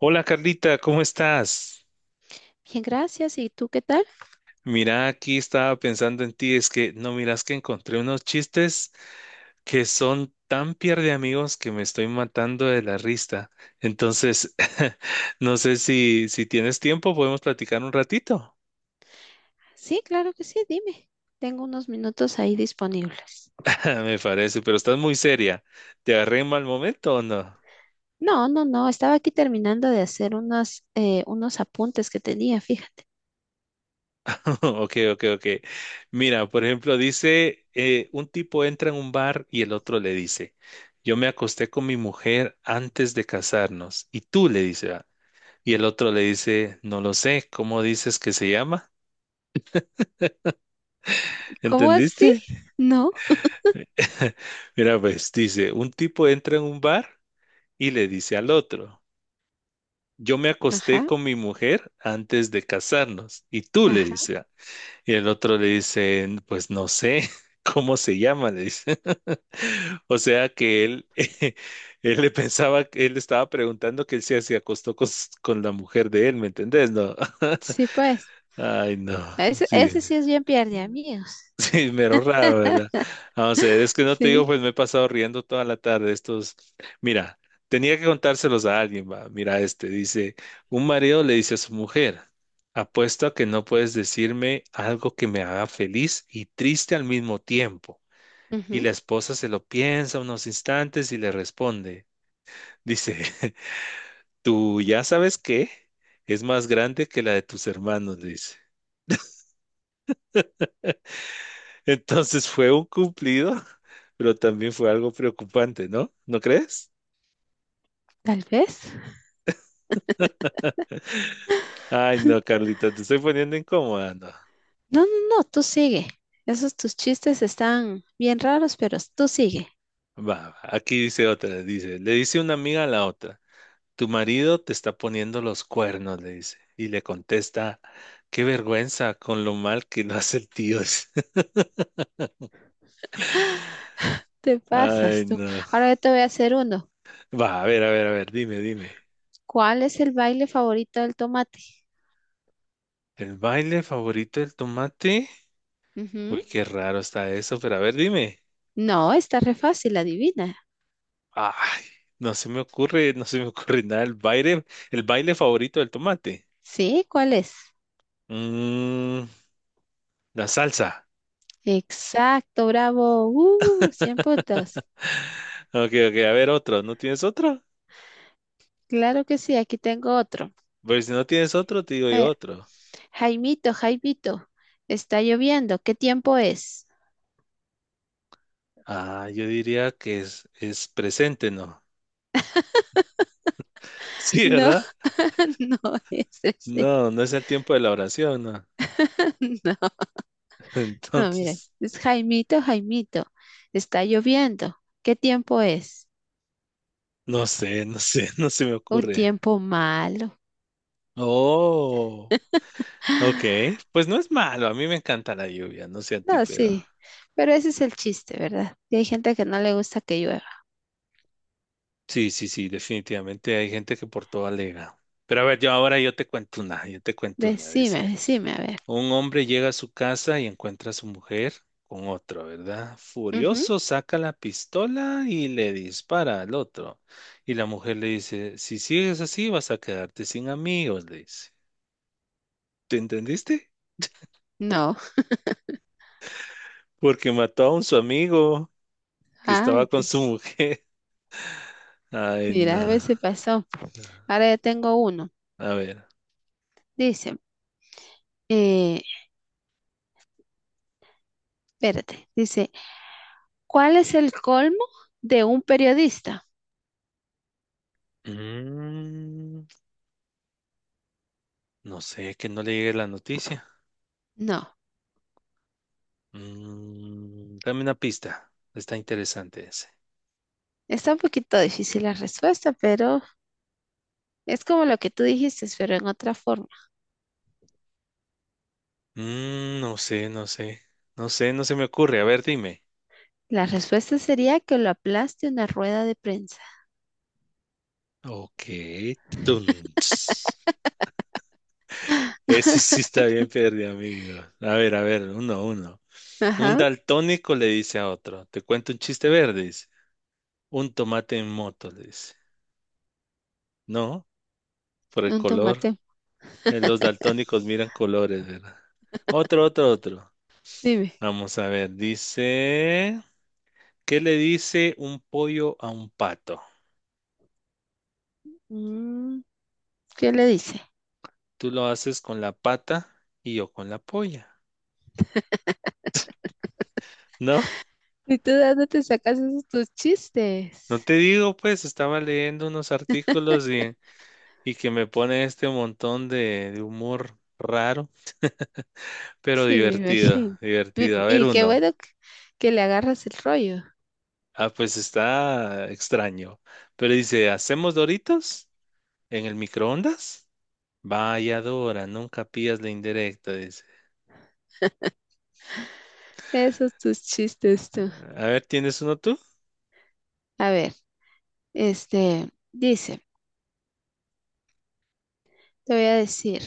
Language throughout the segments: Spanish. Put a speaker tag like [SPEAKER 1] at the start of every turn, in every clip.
[SPEAKER 1] Hola Carlita, ¿cómo estás?
[SPEAKER 2] Bien, gracias. ¿Y tú qué tal?
[SPEAKER 1] Mira, aquí estaba pensando en ti, es que no miras que encontré unos chistes que son tan pierde amigos que me estoy matando de la risa. Entonces, no sé si tienes tiempo, podemos platicar un ratito.
[SPEAKER 2] Sí, claro que sí, dime. Tengo unos minutos ahí disponibles.
[SPEAKER 1] Me parece, pero estás muy seria. ¿Te agarré en mal momento o no?
[SPEAKER 2] No, no, no, estaba aquí terminando de hacer unos, unos apuntes que tenía, fíjate.
[SPEAKER 1] Ok, ok, ok. Mira, por ejemplo, dice, un tipo entra en un bar y el otro le dice, yo me acosté con mi mujer antes de casarnos. Y tú le dice, "Ah". Y el otro le dice, no lo sé, ¿cómo dices que se llama?
[SPEAKER 2] ¿Cómo así?
[SPEAKER 1] ¿Entendiste?
[SPEAKER 2] No.
[SPEAKER 1] Mira, pues dice, un tipo entra en un bar y le dice al otro, yo me acosté
[SPEAKER 2] Ajá,
[SPEAKER 1] con mi mujer antes de casarnos. Y tú le
[SPEAKER 2] ajá.
[SPEAKER 1] dice, "Ah". Y el otro le dice, pues no sé cómo se llama, le dice. O sea que él, él le pensaba, que él estaba preguntando que él se acostó con la mujer de él, ¿me entendés? No.
[SPEAKER 2] Sí, pues.
[SPEAKER 1] Ay, no.
[SPEAKER 2] Ese,
[SPEAKER 1] Sí.
[SPEAKER 2] ese sí es bien pierde amigos.
[SPEAKER 1] Sí, mero raro, ¿verdad? Vamos a ver, es que no te digo,
[SPEAKER 2] Sí.
[SPEAKER 1] pues me he pasado riendo toda la tarde. Estos, mira, tenía que contárselos a alguien, va. Mira, este dice, un marido le dice a su mujer, apuesto a que no puedes decirme algo que me haga feliz y triste al mismo tiempo. Y
[SPEAKER 2] Ujú.
[SPEAKER 1] la esposa se lo piensa unos instantes y le responde, dice, ¿tú ya sabes qué? Es más grande que la de tus hermanos, dice. Entonces fue un cumplido, pero también fue algo preocupante, ¿no? ¿No crees?
[SPEAKER 2] Tal vez.
[SPEAKER 1] Ay, no, Carlita, te estoy poniendo incómoda, no.
[SPEAKER 2] No, no, no, tú sigue. Esos tus chistes están bien raros, pero tú sigue.
[SPEAKER 1] Va, va, aquí dice otra, dice, le dice una amiga a la otra, tu marido te está poniendo los cuernos, le dice, y le contesta, qué vergüenza con lo mal que lo hace el tío.
[SPEAKER 2] Te
[SPEAKER 1] Ay,
[SPEAKER 2] pasas tú.
[SPEAKER 1] no.
[SPEAKER 2] Ahora yo te voy a hacer uno.
[SPEAKER 1] Va, a ver, a ver, a ver, dime, dime.
[SPEAKER 2] ¿Cuál es el baile favorito del tomate?
[SPEAKER 1] ¿El baile favorito del tomate?
[SPEAKER 2] Ujú.
[SPEAKER 1] Uy, qué raro está eso, pero a ver, dime.
[SPEAKER 2] No, está re fácil, adivina.
[SPEAKER 1] Ay, no se me ocurre, no se me ocurre nada. El baile favorito del tomate.
[SPEAKER 2] ¿Sí? ¿Cuál es?
[SPEAKER 1] Mm, la salsa.
[SPEAKER 2] Exacto, bravo. 100 puntos.
[SPEAKER 1] Ok, ok, a ver otro. ¿No tienes otro?
[SPEAKER 2] Claro que sí, aquí tengo otro.
[SPEAKER 1] Pues si no tienes otro, te digo
[SPEAKER 2] A
[SPEAKER 1] yo
[SPEAKER 2] ver,
[SPEAKER 1] otro.
[SPEAKER 2] Jaimito, Jaimito, está lloviendo. ¿Qué tiempo es?
[SPEAKER 1] Ah, yo diría que es presente, ¿no? Sí,
[SPEAKER 2] No,
[SPEAKER 1] ¿verdad?
[SPEAKER 2] no es ese.
[SPEAKER 1] No, no es el tiempo de la oración, ¿no?
[SPEAKER 2] No, no, mira,
[SPEAKER 1] Entonces,
[SPEAKER 2] es Jaimito, Jaimito, está lloviendo. ¿Qué tiempo es?
[SPEAKER 1] no sé, no sé, no se me
[SPEAKER 2] Un
[SPEAKER 1] ocurre.
[SPEAKER 2] tiempo malo.
[SPEAKER 1] Oh, ok. Pues no es malo, a mí me encanta la lluvia, no sé a ti,
[SPEAKER 2] No,
[SPEAKER 1] pero...
[SPEAKER 2] sí, pero ese es el chiste, ¿verdad? Que hay gente que no le gusta que llueva.
[SPEAKER 1] Sí, sí, sí, definitivamente hay gente que por todo alega. Pero a ver, yo ahora yo te cuento una, yo te cuento una.
[SPEAKER 2] Decime,
[SPEAKER 1] Dice,
[SPEAKER 2] decime, a ver.
[SPEAKER 1] un hombre llega a su casa y encuentra a su mujer con otro, ¿verdad?
[SPEAKER 2] Ujú.
[SPEAKER 1] Furioso saca la pistola y le dispara al otro. Y la mujer le dice, si sigues así vas a quedarte sin amigos, le dice. ¿Te entendiste?
[SPEAKER 2] No.
[SPEAKER 1] Porque mató a un su amigo que
[SPEAKER 2] Ay,
[SPEAKER 1] estaba con
[SPEAKER 2] te-
[SPEAKER 1] su mujer. Ay,
[SPEAKER 2] mira, a
[SPEAKER 1] no.
[SPEAKER 2] ver si pasó. Ahora ya tengo uno.
[SPEAKER 1] A ver.
[SPEAKER 2] Dice, eh, espérate. Dice, ¿cuál es el colmo de un periodista?
[SPEAKER 1] Mm, no sé, que no le llegue la noticia.
[SPEAKER 2] No.
[SPEAKER 1] Mm, dame una pista. Está interesante ese.
[SPEAKER 2] Está un poquito difícil la respuesta, pero es como lo que tú dijiste, pero en otra forma.
[SPEAKER 1] Mm, no sé, no sé. No sé, no se me ocurre. A ver, dime.
[SPEAKER 2] La respuesta sería que lo aplaste una rueda de prensa.
[SPEAKER 1] Ok. Tun, ts. Ese sí está bien perdido, amigo. A ver, uno, uno. Un
[SPEAKER 2] Ajá,
[SPEAKER 1] daltónico le dice a otro, te cuento un chiste verde, dice. Un tomate en moto, le dice. No, por el
[SPEAKER 2] un
[SPEAKER 1] color.
[SPEAKER 2] tomate.
[SPEAKER 1] Los daltónicos miran colores, ¿verdad? Otro, otro, otro.
[SPEAKER 2] Dime.
[SPEAKER 1] Vamos a ver, dice. ¿Qué le dice un pollo a un pato?
[SPEAKER 2] Mm, ¿qué le dice?
[SPEAKER 1] Tú lo haces con la pata y yo con la polla. No,
[SPEAKER 2] ¿Y tú de dónde te sacas esos tus
[SPEAKER 1] no
[SPEAKER 2] chistes?
[SPEAKER 1] te digo, pues estaba leyendo unos artículos y que me pone este montón de humor raro, pero
[SPEAKER 2] Sí, me
[SPEAKER 1] divertido,
[SPEAKER 2] imagino. Mi-
[SPEAKER 1] divertido. A ver
[SPEAKER 2] Y qué
[SPEAKER 1] uno.
[SPEAKER 2] bueno que le agarras el rollo.
[SPEAKER 1] Ah, pues está extraño. Pero dice, ¿hacemos Doritos en el microondas? Vaya Dora, nunca pillas la indirecta, dice.
[SPEAKER 2] Esos tus chistes tú.
[SPEAKER 1] A ver, ¿tienes uno tú?
[SPEAKER 2] A ver, este, dice, te voy a decir,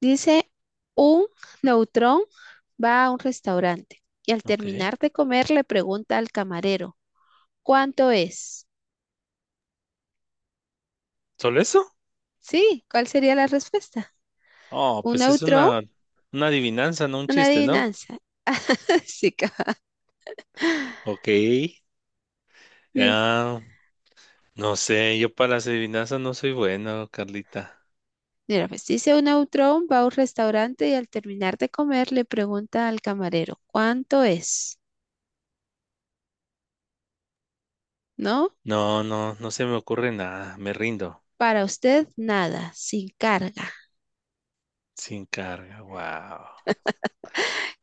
[SPEAKER 2] dice, un neutrón va a un restaurante y al
[SPEAKER 1] Ok.
[SPEAKER 2] terminar de comer le pregunta al camarero, ¿cuánto es?
[SPEAKER 1] ¿Solo eso?
[SPEAKER 2] Sí, ¿cuál sería la respuesta?
[SPEAKER 1] Oh,
[SPEAKER 2] Un
[SPEAKER 1] pues es
[SPEAKER 2] neutrón,
[SPEAKER 1] una adivinanza, no un
[SPEAKER 2] una
[SPEAKER 1] chiste, ¿no?
[SPEAKER 2] adivinanza. Sí, cabal.
[SPEAKER 1] Ok. Ah, no sé, yo para las adivinanzas no soy bueno, Carlita.
[SPEAKER 2] Mira, pues dice un autrón, va a un restaurante y al terminar de comer le pregunta al camarero, ¿cuánto es? ¿No?
[SPEAKER 1] No, no, no se me ocurre nada, me rindo.
[SPEAKER 2] Para usted nada, sin carga.
[SPEAKER 1] Sin carga, wow.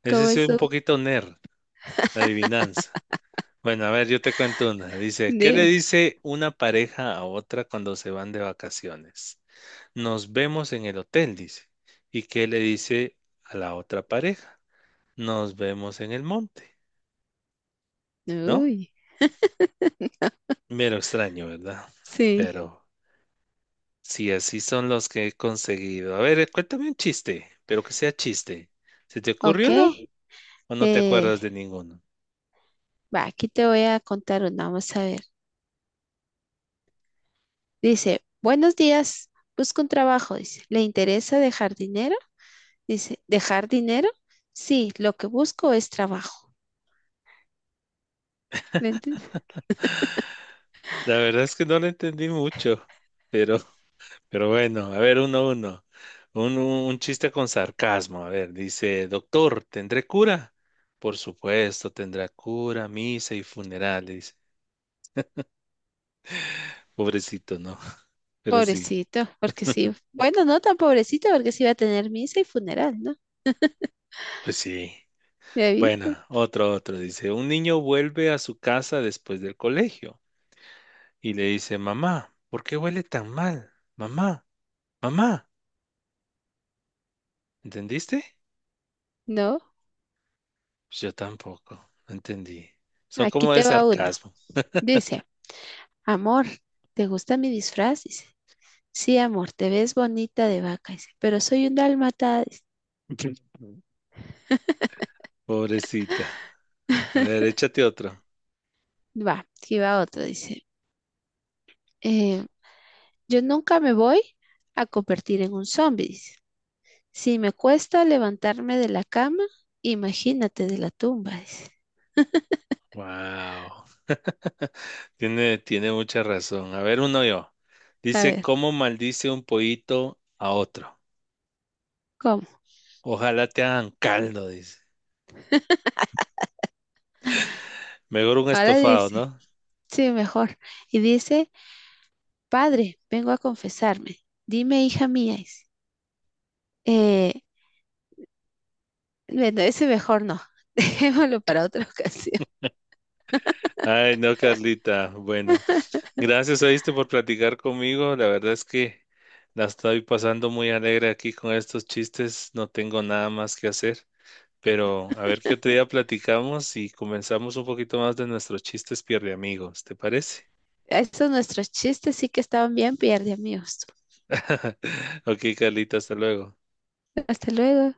[SPEAKER 1] Ese
[SPEAKER 2] ¿Cómo
[SPEAKER 1] sí es un
[SPEAKER 2] eso
[SPEAKER 1] poquito nerd, la adivinanza. Bueno, a ver, yo te cuento una. Dice, ¿qué le
[SPEAKER 2] de...
[SPEAKER 1] dice una pareja a otra cuando se van de vacaciones? Nos vemos en el hotel, dice. ¿Y qué le dice a la otra pareja? Nos vemos en el monte, ¿no?
[SPEAKER 2] Uy,
[SPEAKER 1] Mero extraño, ¿verdad?
[SPEAKER 2] sí,
[SPEAKER 1] Pero sí, así son los que he conseguido. A ver, cuéntame un chiste, pero que sea chiste. ¿Se te
[SPEAKER 2] ok.
[SPEAKER 1] ocurrió uno o no te
[SPEAKER 2] Eh,
[SPEAKER 1] acuerdas de ninguno?
[SPEAKER 2] Va, aquí te voy a contar una, vamos a ver. Dice, buenos días, busco un trabajo, dice, ¿le interesa dejar dinero? Dice, ¿dejar dinero? Sí, lo que busco es trabajo.
[SPEAKER 1] La verdad es que no lo entendí mucho, pero, pero bueno, a ver, uno, uno. Un chiste con sarcasmo. A ver, dice, doctor, ¿tendré cura? Por supuesto, tendrá cura, misa y funeral. Le dice. Pobrecito, ¿no? Pero sí,
[SPEAKER 2] Pobrecito, porque sí. Bueno, no tan pobrecito, porque sí va a tener misa y funeral, ¿no?
[SPEAKER 1] pues sí.
[SPEAKER 2] David,
[SPEAKER 1] Bueno, otro, otro dice, un niño vuelve a su casa después del colegio y le dice, mamá, ¿por qué huele tan mal? Mamá, mamá, ¿entendiste?
[SPEAKER 2] no.
[SPEAKER 1] Pues yo tampoco, no entendí. Son
[SPEAKER 2] Aquí
[SPEAKER 1] como de
[SPEAKER 2] te va uno.
[SPEAKER 1] sarcasmo.
[SPEAKER 2] Dice, amor, ¿te gusta mi disfraz? Dice, sí, amor, te ves bonita de vaca, dice, pero soy un dálmata. Dice.
[SPEAKER 1] Pobrecita. A ver, échate otro.
[SPEAKER 2] Va, aquí va otro, dice. eh, yo nunca me voy a convertir en un zombie, dice. Si me cuesta levantarme de la cama, imagínate de la tumba, dice.
[SPEAKER 1] Wow. Tiene, tiene mucha razón. A ver, uno yo.
[SPEAKER 2] A
[SPEAKER 1] Dice,
[SPEAKER 2] ver,
[SPEAKER 1] ¿cómo maldice un pollito a otro?
[SPEAKER 2] ¿cómo?
[SPEAKER 1] Ojalá te hagan caldo, dice. Mejor un
[SPEAKER 2] Ahora
[SPEAKER 1] estofado,
[SPEAKER 2] dice,
[SPEAKER 1] ¿no?
[SPEAKER 2] sí, mejor. Y dice, Padre, vengo a confesarme. Dime, hija mía. Dice. Eh, bueno, ese mejor no. Dejémoslo para otra ocasión.
[SPEAKER 1] Ay, no, Carlita. Bueno, gracias, oíste, por platicar conmigo. La verdad es que la estoy pasando muy alegre aquí con estos chistes. No tengo nada más que hacer. Pero a ver qué otro día platicamos y comenzamos un poquito más de nuestros chistes pierde amigos. ¿Te parece?
[SPEAKER 2] Estos nuestros chistes sí que estaban bien pierde, amigos.
[SPEAKER 1] Ok, Carlita, hasta luego.
[SPEAKER 2] Hasta luego.